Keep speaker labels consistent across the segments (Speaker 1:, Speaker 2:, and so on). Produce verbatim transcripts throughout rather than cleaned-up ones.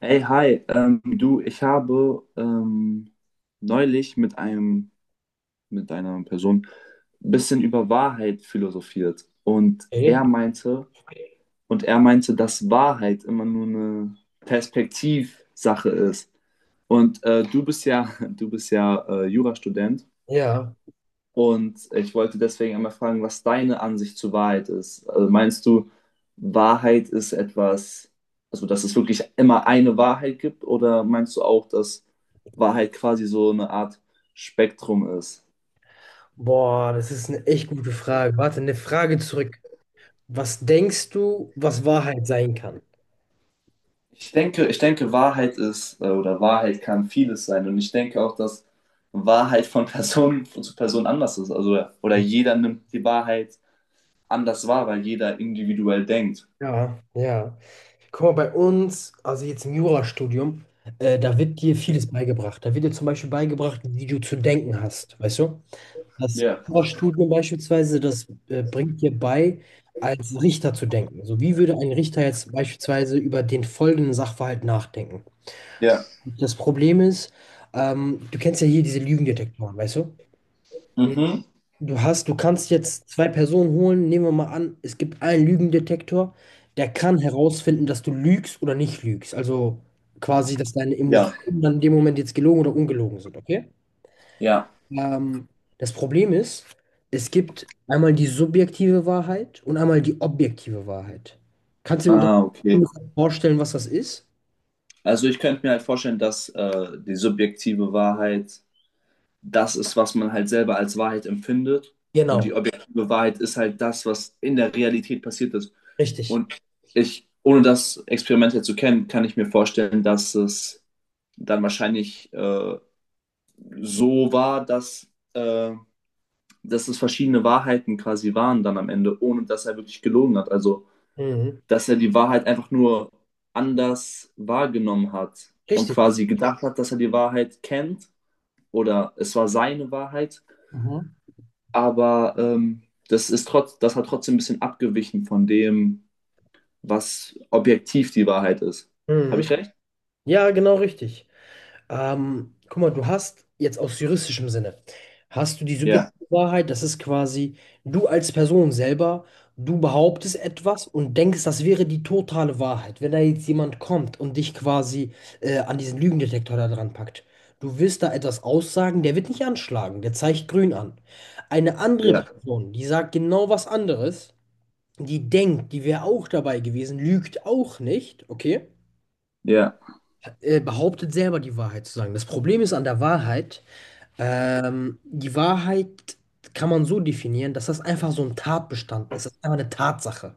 Speaker 1: Hey, hi, ähm, du, ich habe ähm, neulich mit einem, mit einer Person ein bisschen über Wahrheit philosophiert und
Speaker 2: Okay.
Speaker 1: er meinte, und er meinte, dass Wahrheit immer nur eine Perspektivsache ist. Und äh, du bist ja, du bist ja äh, Jurastudent,
Speaker 2: Ja,
Speaker 1: und ich wollte deswegen einmal fragen, was deine Ansicht zur Wahrheit ist. Also meinst du, Wahrheit ist etwas, also dass es wirklich immer eine Wahrheit gibt, oder meinst du auch, dass Wahrheit quasi so eine Art Spektrum ist?
Speaker 2: boah, das ist eine echt gute Frage. Warte, eine Frage zurück. Was denkst du, was Wahrheit sein kann?
Speaker 1: Ich denke, ich denke, Wahrheit ist, äh, oder Wahrheit kann vieles sein. Und ich denke auch, dass Wahrheit von Person zu Person anders ist. Also, oder jeder nimmt die Wahrheit anders wahr, weil jeder individuell denkt.
Speaker 2: Ja, ja. Guck mal, bei uns, also jetzt im Jurastudium, äh, da wird dir vieles beigebracht. Da wird dir zum Beispiel beigebracht, wie du zu denken hast, weißt du? Das
Speaker 1: Ja.
Speaker 2: Jurastudium beispielsweise, das äh, bringt dir bei, als Richter zu denken. So, wie würde ein Richter jetzt beispielsweise über den folgenden Sachverhalt nachdenken?
Speaker 1: Ja.
Speaker 2: Das Problem ist, ähm, du kennst ja hier diese Lügendetektoren, weißt du?
Speaker 1: Mhm.
Speaker 2: Du hast, du kannst jetzt zwei Personen holen. Nehmen wir mal an, es gibt einen Lügendetektor, der kann herausfinden, dass du lügst oder nicht lügst. Also quasi, dass deine
Speaker 1: Ja.
Speaker 2: Emotionen dann in dem Moment jetzt gelogen oder ungelogen sind, okay?
Speaker 1: Ja.
Speaker 2: Ähm, das Problem ist, es gibt einmal die subjektive Wahrheit und einmal die objektive Wahrheit. Kannst du dir das
Speaker 1: Ah, okay.
Speaker 2: ungefähr vorstellen, was das ist?
Speaker 1: Also ich könnte mir halt vorstellen, dass äh, die subjektive Wahrheit das ist, was man halt selber als Wahrheit empfindet. Und
Speaker 2: Genau,
Speaker 1: die objektive Wahrheit ist halt das, was in der Realität passiert ist.
Speaker 2: richtig.
Speaker 1: Und ich, ohne das Experiment jetzt zu kennen, kann ich mir vorstellen, dass es dann wahrscheinlich äh, so war, dass, äh, dass es verschiedene Wahrheiten quasi waren dann am Ende, ohne dass er wirklich gelogen hat. Also
Speaker 2: Mhm.
Speaker 1: dass er die Wahrheit einfach nur anders wahrgenommen hat und
Speaker 2: Richtig.
Speaker 1: quasi gedacht hat, dass er die Wahrheit kennt oder es war seine Wahrheit,
Speaker 2: Mhm.
Speaker 1: aber ähm, das ist trotz, das hat trotzdem ein bisschen abgewichen von dem, was objektiv die Wahrheit ist. Habe ich
Speaker 2: Mhm.
Speaker 1: recht?
Speaker 2: Ja, genau richtig. Ähm, guck mal, du hast jetzt aus juristischem Sinne, hast du die subjektive
Speaker 1: Ja,
Speaker 2: Wahrheit, das ist quasi du als Person selber, du behauptest etwas und denkst, das wäre die totale Wahrheit. Wenn da jetzt jemand kommt und dich quasi äh, an diesen Lügendetektor da dran packt, du willst da etwas aussagen, der wird nicht anschlagen, der zeigt grün an. Eine andere
Speaker 1: ja,
Speaker 2: Person, die sagt genau was anderes, die denkt, die wäre auch dabei gewesen, lügt auch nicht, okay?
Speaker 1: ja,
Speaker 2: äh, behauptet selber die Wahrheit zu sagen. Das Problem ist an der Wahrheit, ähm, die Wahrheit kann man so definieren, dass das einfach so ein Tatbestand ist. Das ist einfach eine Tatsache.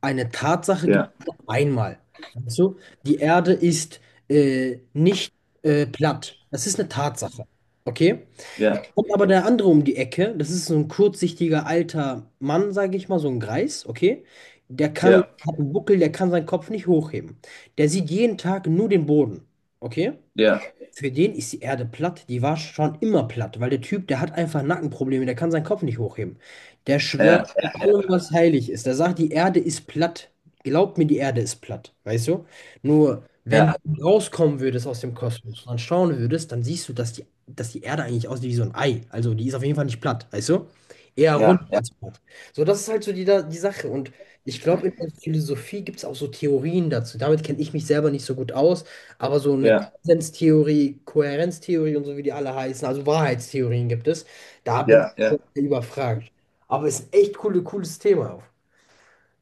Speaker 2: Eine Tatsache gibt
Speaker 1: ja,
Speaker 2: es nur einmal. Weißt du? Die Erde ist äh, nicht äh, platt. Das ist eine Tatsache. Okay?
Speaker 1: ja,
Speaker 2: Jetzt kommt aber der andere um die Ecke. Das ist so ein kurzsichtiger alter Mann, sage ich mal, so ein Greis. Okay? Der kann,
Speaker 1: ja,
Speaker 2: hat einen Buckel, der kann seinen Kopf nicht hochheben. Der sieht jeden Tag nur den Boden. Okay?
Speaker 1: ja,
Speaker 2: Für den ist die Erde platt, die war schon immer platt, weil der Typ, der hat einfach Nackenprobleme, der kann seinen Kopf nicht hochheben. Der schwört
Speaker 1: ja,
Speaker 2: bei allem, was heilig ist. Der sagt, die Erde ist platt. Glaubt mir, die Erde ist platt, weißt du? Nur, wenn
Speaker 1: ja,
Speaker 2: du rauskommen würdest aus dem Kosmos und dann schauen würdest, dann siehst du, dass die, dass die Erde eigentlich aussieht wie so ein Ei. Also, die ist auf jeden Fall nicht platt, weißt du? Eher rund
Speaker 1: ja, ja,
Speaker 2: als platt. So, das ist halt so die, da- die Sache. Und ich glaube, in der Philosophie gibt es auch so Theorien dazu. Damit kenne ich mich selber nicht so gut aus. Aber so eine
Speaker 1: ja,
Speaker 2: Konsenstheorie, Kohärenztheorie und so, wie die alle heißen, also Wahrheitstheorien gibt es. Da Ja. bin
Speaker 1: ja, ja.
Speaker 2: ich überfragt. Aber es ist ein echt coole, cooles Thema.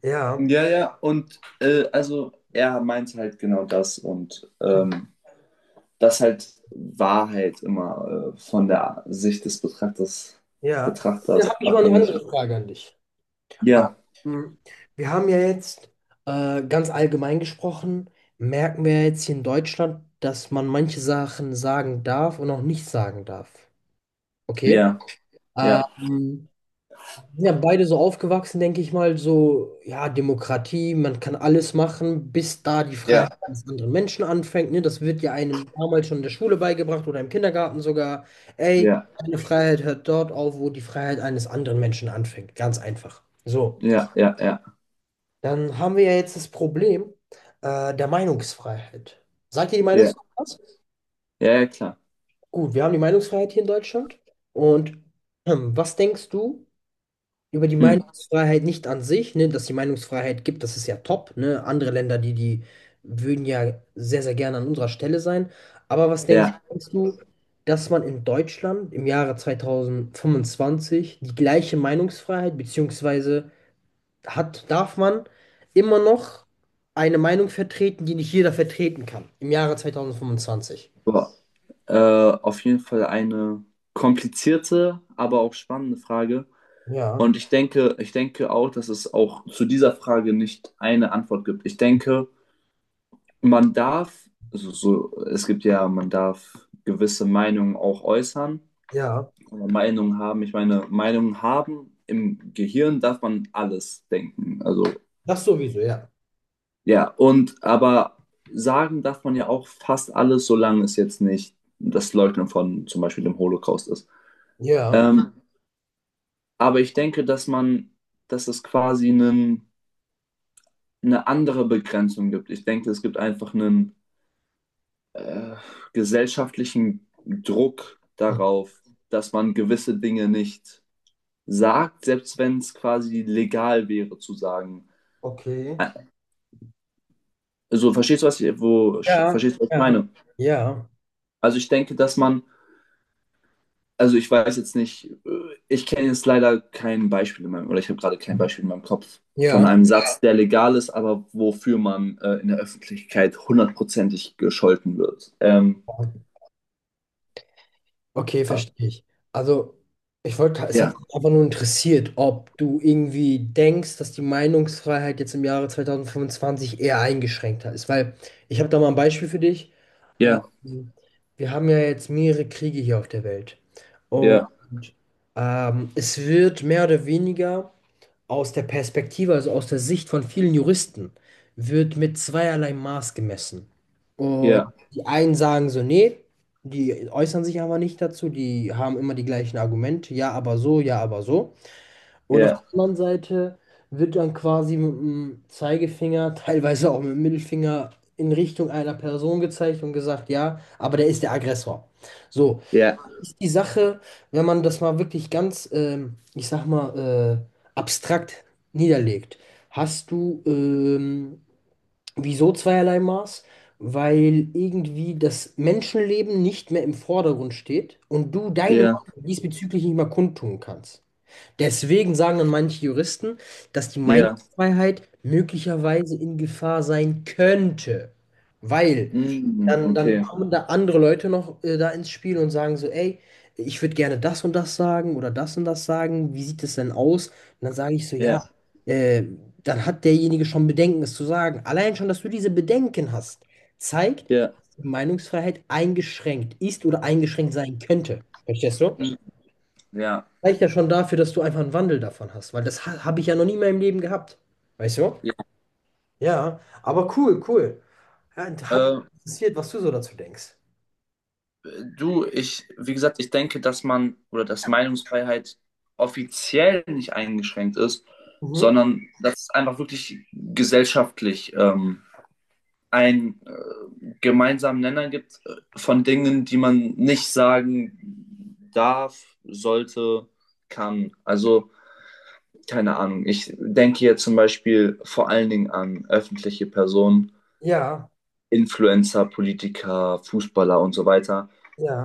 Speaker 2: Ja,
Speaker 1: Ja, ja, und äh, also er meint halt genau das und ähm, dass halt Wahrheit immer äh, von der Sicht des Betrachters,
Speaker 2: ja. Dann habe
Speaker 1: Betrachters
Speaker 2: ich mal eine
Speaker 1: abhängig ist.
Speaker 2: andere Frage an dich.
Speaker 1: Ja,
Speaker 2: Ähm, Wir haben ja jetzt äh, ganz allgemein gesprochen, merken wir jetzt hier in Deutschland, dass man manche Sachen sagen darf und auch nicht sagen darf. Okay?
Speaker 1: ja, ja.
Speaker 2: Ähm, sind ja beide so aufgewachsen, denke ich mal, so, ja, Demokratie, man kann alles machen, bis da die
Speaker 1: Ja,
Speaker 2: Freiheit des anderen Menschen anfängt. Ne? Das wird ja einem damals schon in der Schule beigebracht oder im Kindergarten sogar. Ey,
Speaker 1: ja,
Speaker 2: deine Freiheit hört dort auf, wo die Freiheit eines anderen Menschen anfängt. Ganz einfach. So,
Speaker 1: ja, ja, ja,
Speaker 2: dann haben wir ja jetzt das Problem äh, der Meinungsfreiheit. Sagt ihr die
Speaker 1: ja,
Speaker 2: Meinungsfreiheit was?
Speaker 1: ja, ja, klar.
Speaker 2: Gut, wir haben die Meinungsfreiheit hier in Deutschland. Und hm, was denkst du? Über die
Speaker 1: Hm,
Speaker 2: Meinungsfreiheit nicht an sich, ne, dass die Meinungsfreiheit gibt, das ist ja top, ne? Andere Länder, die, die würden ja sehr, sehr gerne an unserer Stelle sein. Aber was denkst,
Speaker 1: ja,
Speaker 2: denkst du, dass man in Deutschland im Jahre zwanzig fünfundzwanzig die gleiche Meinungsfreiheit, beziehungsweise hat, darf man immer noch eine Meinung vertreten, die nicht jeder vertreten kann, im Jahre zwanzig fünfundzwanzig?
Speaker 1: boah. Äh, auf jeden Fall eine komplizierte, aber auch spannende Frage.
Speaker 2: Ja,
Speaker 1: Und ich denke, ich denke auch, dass es auch zu dieser Frage nicht eine Antwort gibt. Ich denke, man darf, also so, es gibt ja, man darf gewisse Meinungen auch äußern.
Speaker 2: ja,
Speaker 1: Kann man Meinungen haben. Ich meine, Meinungen haben, im Gehirn darf man alles denken. Also,
Speaker 2: das sowieso, ja.
Speaker 1: ja, und aber sagen darf man ja auch fast alles, solange es jetzt nicht das Leugnen von zum Beispiel dem Holocaust ist.
Speaker 2: Ja,
Speaker 1: Ähm, aber ich denke, dass man, dass es quasi einen, eine andere Begrenzung gibt. Ich denke, es gibt einfach einen äh, gesellschaftlichen Druck darauf, dass man gewisse Dinge nicht sagt, selbst wenn es quasi legal wäre zu sagen.
Speaker 2: okay.
Speaker 1: Also, verstehst du, was ich, wo,
Speaker 2: Ja,
Speaker 1: verstehst du, was ich
Speaker 2: ja,
Speaker 1: meine?
Speaker 2: ja.
Speaker 1: Also, ich denke, dass man, also ich weiß jetzt nicht, äh, ich kenne jetzt leider kein Beispiel in meinem, oder ich habe gerade kein Beispiel in meinem Kopf von
Speaker 2: Ja,
Speaker 1: einem Satz, der legal ist, aber wofür man äh, in der Öffentlichkeit hundertprozentig gescholten wird. Ähm,
Speaker 2: okay, verstehe ich. Also, ich wollte, es hat
Speaker 1: ja,
Speaker 2: mich einfach nur interessiert, ob du irgendwie denkst, dass die Meinungsfreiheit jetzt im Jahre zwanzig fünfundzwanzig eher eingeschränkter ist. Weil ich habe da mal ein Beispiel für dich.
Speaker 1: ja,
Speaker 2: Wir haben ja jetzt mehrere Kriege hier auf der Welt. Und
Speaker 1: ja,
Speaker 2: ähm, es wird mehr oder weniger. Aus der Perspektive, also aus der Sicht von vielen Juristen, wird mit zweierlei Maß gemessen. Und
Speaker 1: ja,
Speaker 2: die einen sagen so, nee, die äußern sich aber nicht dazu, die haben immer die gleichen Argumente, ja, aber so, ja, aber so. Und auf der
Speaker 1: ja,
Speaker 2: anderen Seite wird dann quasi mit dem Zeigefinger, teilweise auch mit dem Mittelfinger in Richtung einer Person gezeigt und gesagt, ja, aber der ist der Aggressor. So,
Speaker 1: ja,
Speaker 2: ist die Sache, wenn man das mal wirklich ganz, ähm, ich sag mal, äh, abstrakt niederlegt, hast du ähm, wieso zweierlei Maß? Weil irgendwie das Menschenleben nicht mehr im Vordergrund steht und du deine Meinung
Speaker 1: ja,
Speaker 2: diesbezüglich nicht mehr kundtun kannst. Deswegen sagen dann manche Juristen, dass die
Speaker 1: ja.
Speaker 2: Meinungsfreiheit möglicherweise in Gefahr sein könnte, weil
Speaker 1: Mm,
Speaker 2: dann, dann
Speaker 1: okay,
Speaker 2: kommen da andere Leute noch äh, da ins Spiel und sagen so, ey, ich würde gerne das und das sagen oder das und das sagen, wie sieht es denn aus? Und dann sage ich so, ja,
Speaker 1: ja,
Speaker 2: äh, dann hat derjenige schon Bedenken, es zu sagen. Allein schon, dass du diese Bedenken hast, zeigt,
Speaker 1: ja,
Speaker 2: dass die Meinungsfreiheit eingeschränkt ist oder eingeschränkt sein könnte. Verstehst du?
Speaker 1: mm, ja,
Speaker 2: Reicht ja schon dafür, dass du einfach einen Wandel davon hast, weil das ha habe ich ja noch nie in meinem Leben gehabt. Weißt du?
Speaker 1: ja.
Speaker 2: Ja, aber cool, cool. Ja, und hat mich
Speaker 1: Äh,
Speaker 2: interessiert, was du so dazu denkst.
Speaker 1: Du, ich, wie gesagt, ich denke, dass man oder dass Meinungsfreiheit offiziell nicht eingeschränkt ist,
Speaker 2: Mhm.
Speaker 1: sondern dass es einfach wirklich gesellschaftlich ähm, einen äh, gemeinsamen Nenner gibt äh, von Dingen, die man nicht sagen darf, sollte, kann. Also, keine Ahnung. Ich denke hier zum Beispiel vor allen Dingen an öffentliche Personen,
Speaker 2: Ja,
Speaker 1: Influencer, Politiker, Fußballer und so weiter,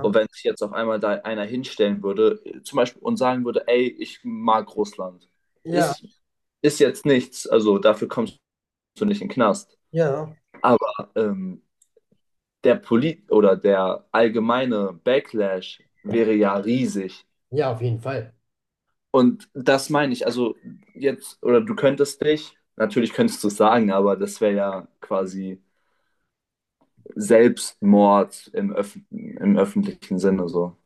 Speaker 1: und wenn sich jetzt auf einmal da einer hinstellen würde, äh, zum Beispiel, und sagen würde, ey, ich mag Russland,
Speaker 2: ja,
Speaker 1: ist, ist jetzt nichts, also dafür kommst du nicht in den Knast.
Speaker 2: ja.
Speaker 1: Aber ähm, der Polit oder der allgemeine Backlash wäre ja riesig.
Speaker 2: Ja, auf jeden Fall.
Speaker 1: Und das meine ich, also jetzt, oder du könntest dich, natürlich könntest du es sagen, aber das wäre ja quasi Selbstmord im, Öff im öffentlichen Sinne so.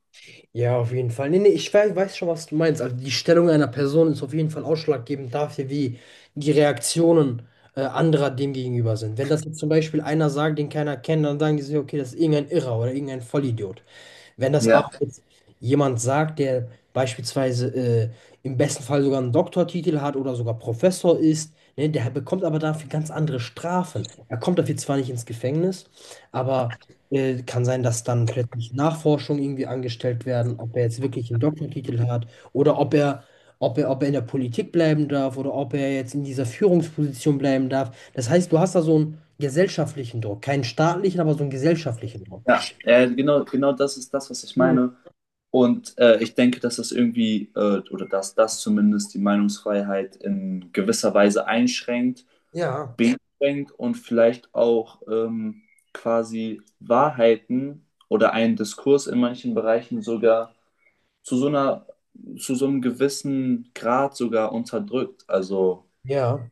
Speaker 2: Ja, auf jeden Fall. Nee, nee, ich weiß, weiß schon, was du meinst. Also die Stellung einer Person ist auf jeden Fall ausschlaggebend dafür, wie die Reaktionen äh, anderer dem gegenüber sind. Wenn das jetzt zum Beispiel einer sagt, den keiner kennt, dann sagen die sich, okay, das ist irgendein Irrer oder irgendein Vollidiot. Wenn das
Speaker 1: Ja,
Speaker 2: aber jetzt jemand sagt, der beispielsweise äh, im besten Fall sogar einen Doktortitel hat oder sogar Professor ist, ne, der bekommt aber dafür ganz andere Strafen. Er kommt dafür zwar nicht ins Gefängnis, aber äh, kann sein, dass dann plötzlich Nachforschungen irgendwie angestellt werden, ob er jetzt wirklich einen Doktortitel hat oder ob er, ob er, ob er in der Politik bleiben darf oder ob er jetzt in dieser Führungsposition bleiben darf. Das heißt, du hast da so einen gesellschaftlichen Druck, keinen staatlichen, aber so einen gesellschaftlichen Druck.
Speaker 1: ja, äh, genau, genau das ist das, was ich
Speaker 2: Hm.
Speaker 1: meine. Und äh, ich denke, dass das irgendwie, äh, oder dass das zumindest die Meinungsfreiheit in gewisser Weise einschränkt,
Speaker 2: Ja,
Speaker 1: beschränkt und vielleicht auch ähm, quasi Wahrheiten oder einen Diskurs in manchen Bereichen sogar zu so einer, zu so einem gewissen Grad sogar unterdrückt. Also
Speaker 2: ja,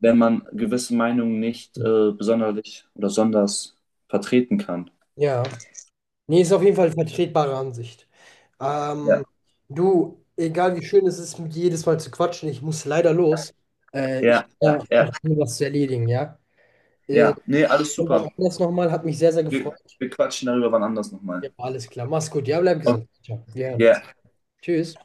Speaker 1: wenn man gewisse Meinungen nicht äh, besonderlich oder sonders vertreten kann.
Speaker 2: ja. Nee, ist auf jeden Fall vertretbare Ansicht. Ähm,
Speaker 1: Ja,
Speaker 2: du, egal wie schön es ist, mit dir jedes Mal zu quatschen, ich muss leider los. Äh, ich
Speaker 1: ja, ja,
Speaker 2: habe da
Speaker 1: ja,
Speaker 2: noch was zu erledigen, ja? Äh,
Speaker 1: ja. Nee,
Speaker 2: ich war
Speaker 1: alles
Speaker 2: schon
Speaker 1: super.
Speaker 2: wann anders nochmal, hat mich sehr, sehr
Speaker 1: Wir,
Speaker 2: gefreut.
Speaker 1: wir quatschen darüber wann anders nochmal.
Speaker 2: Ja, alles klar. Mach's gut. Ja, bleib
Speaker 1: Okay.
Speaker 2: gesund. Ciao. Wir hören uns.
Speaker 1: Yeah.
Speaker 2: Tschüss.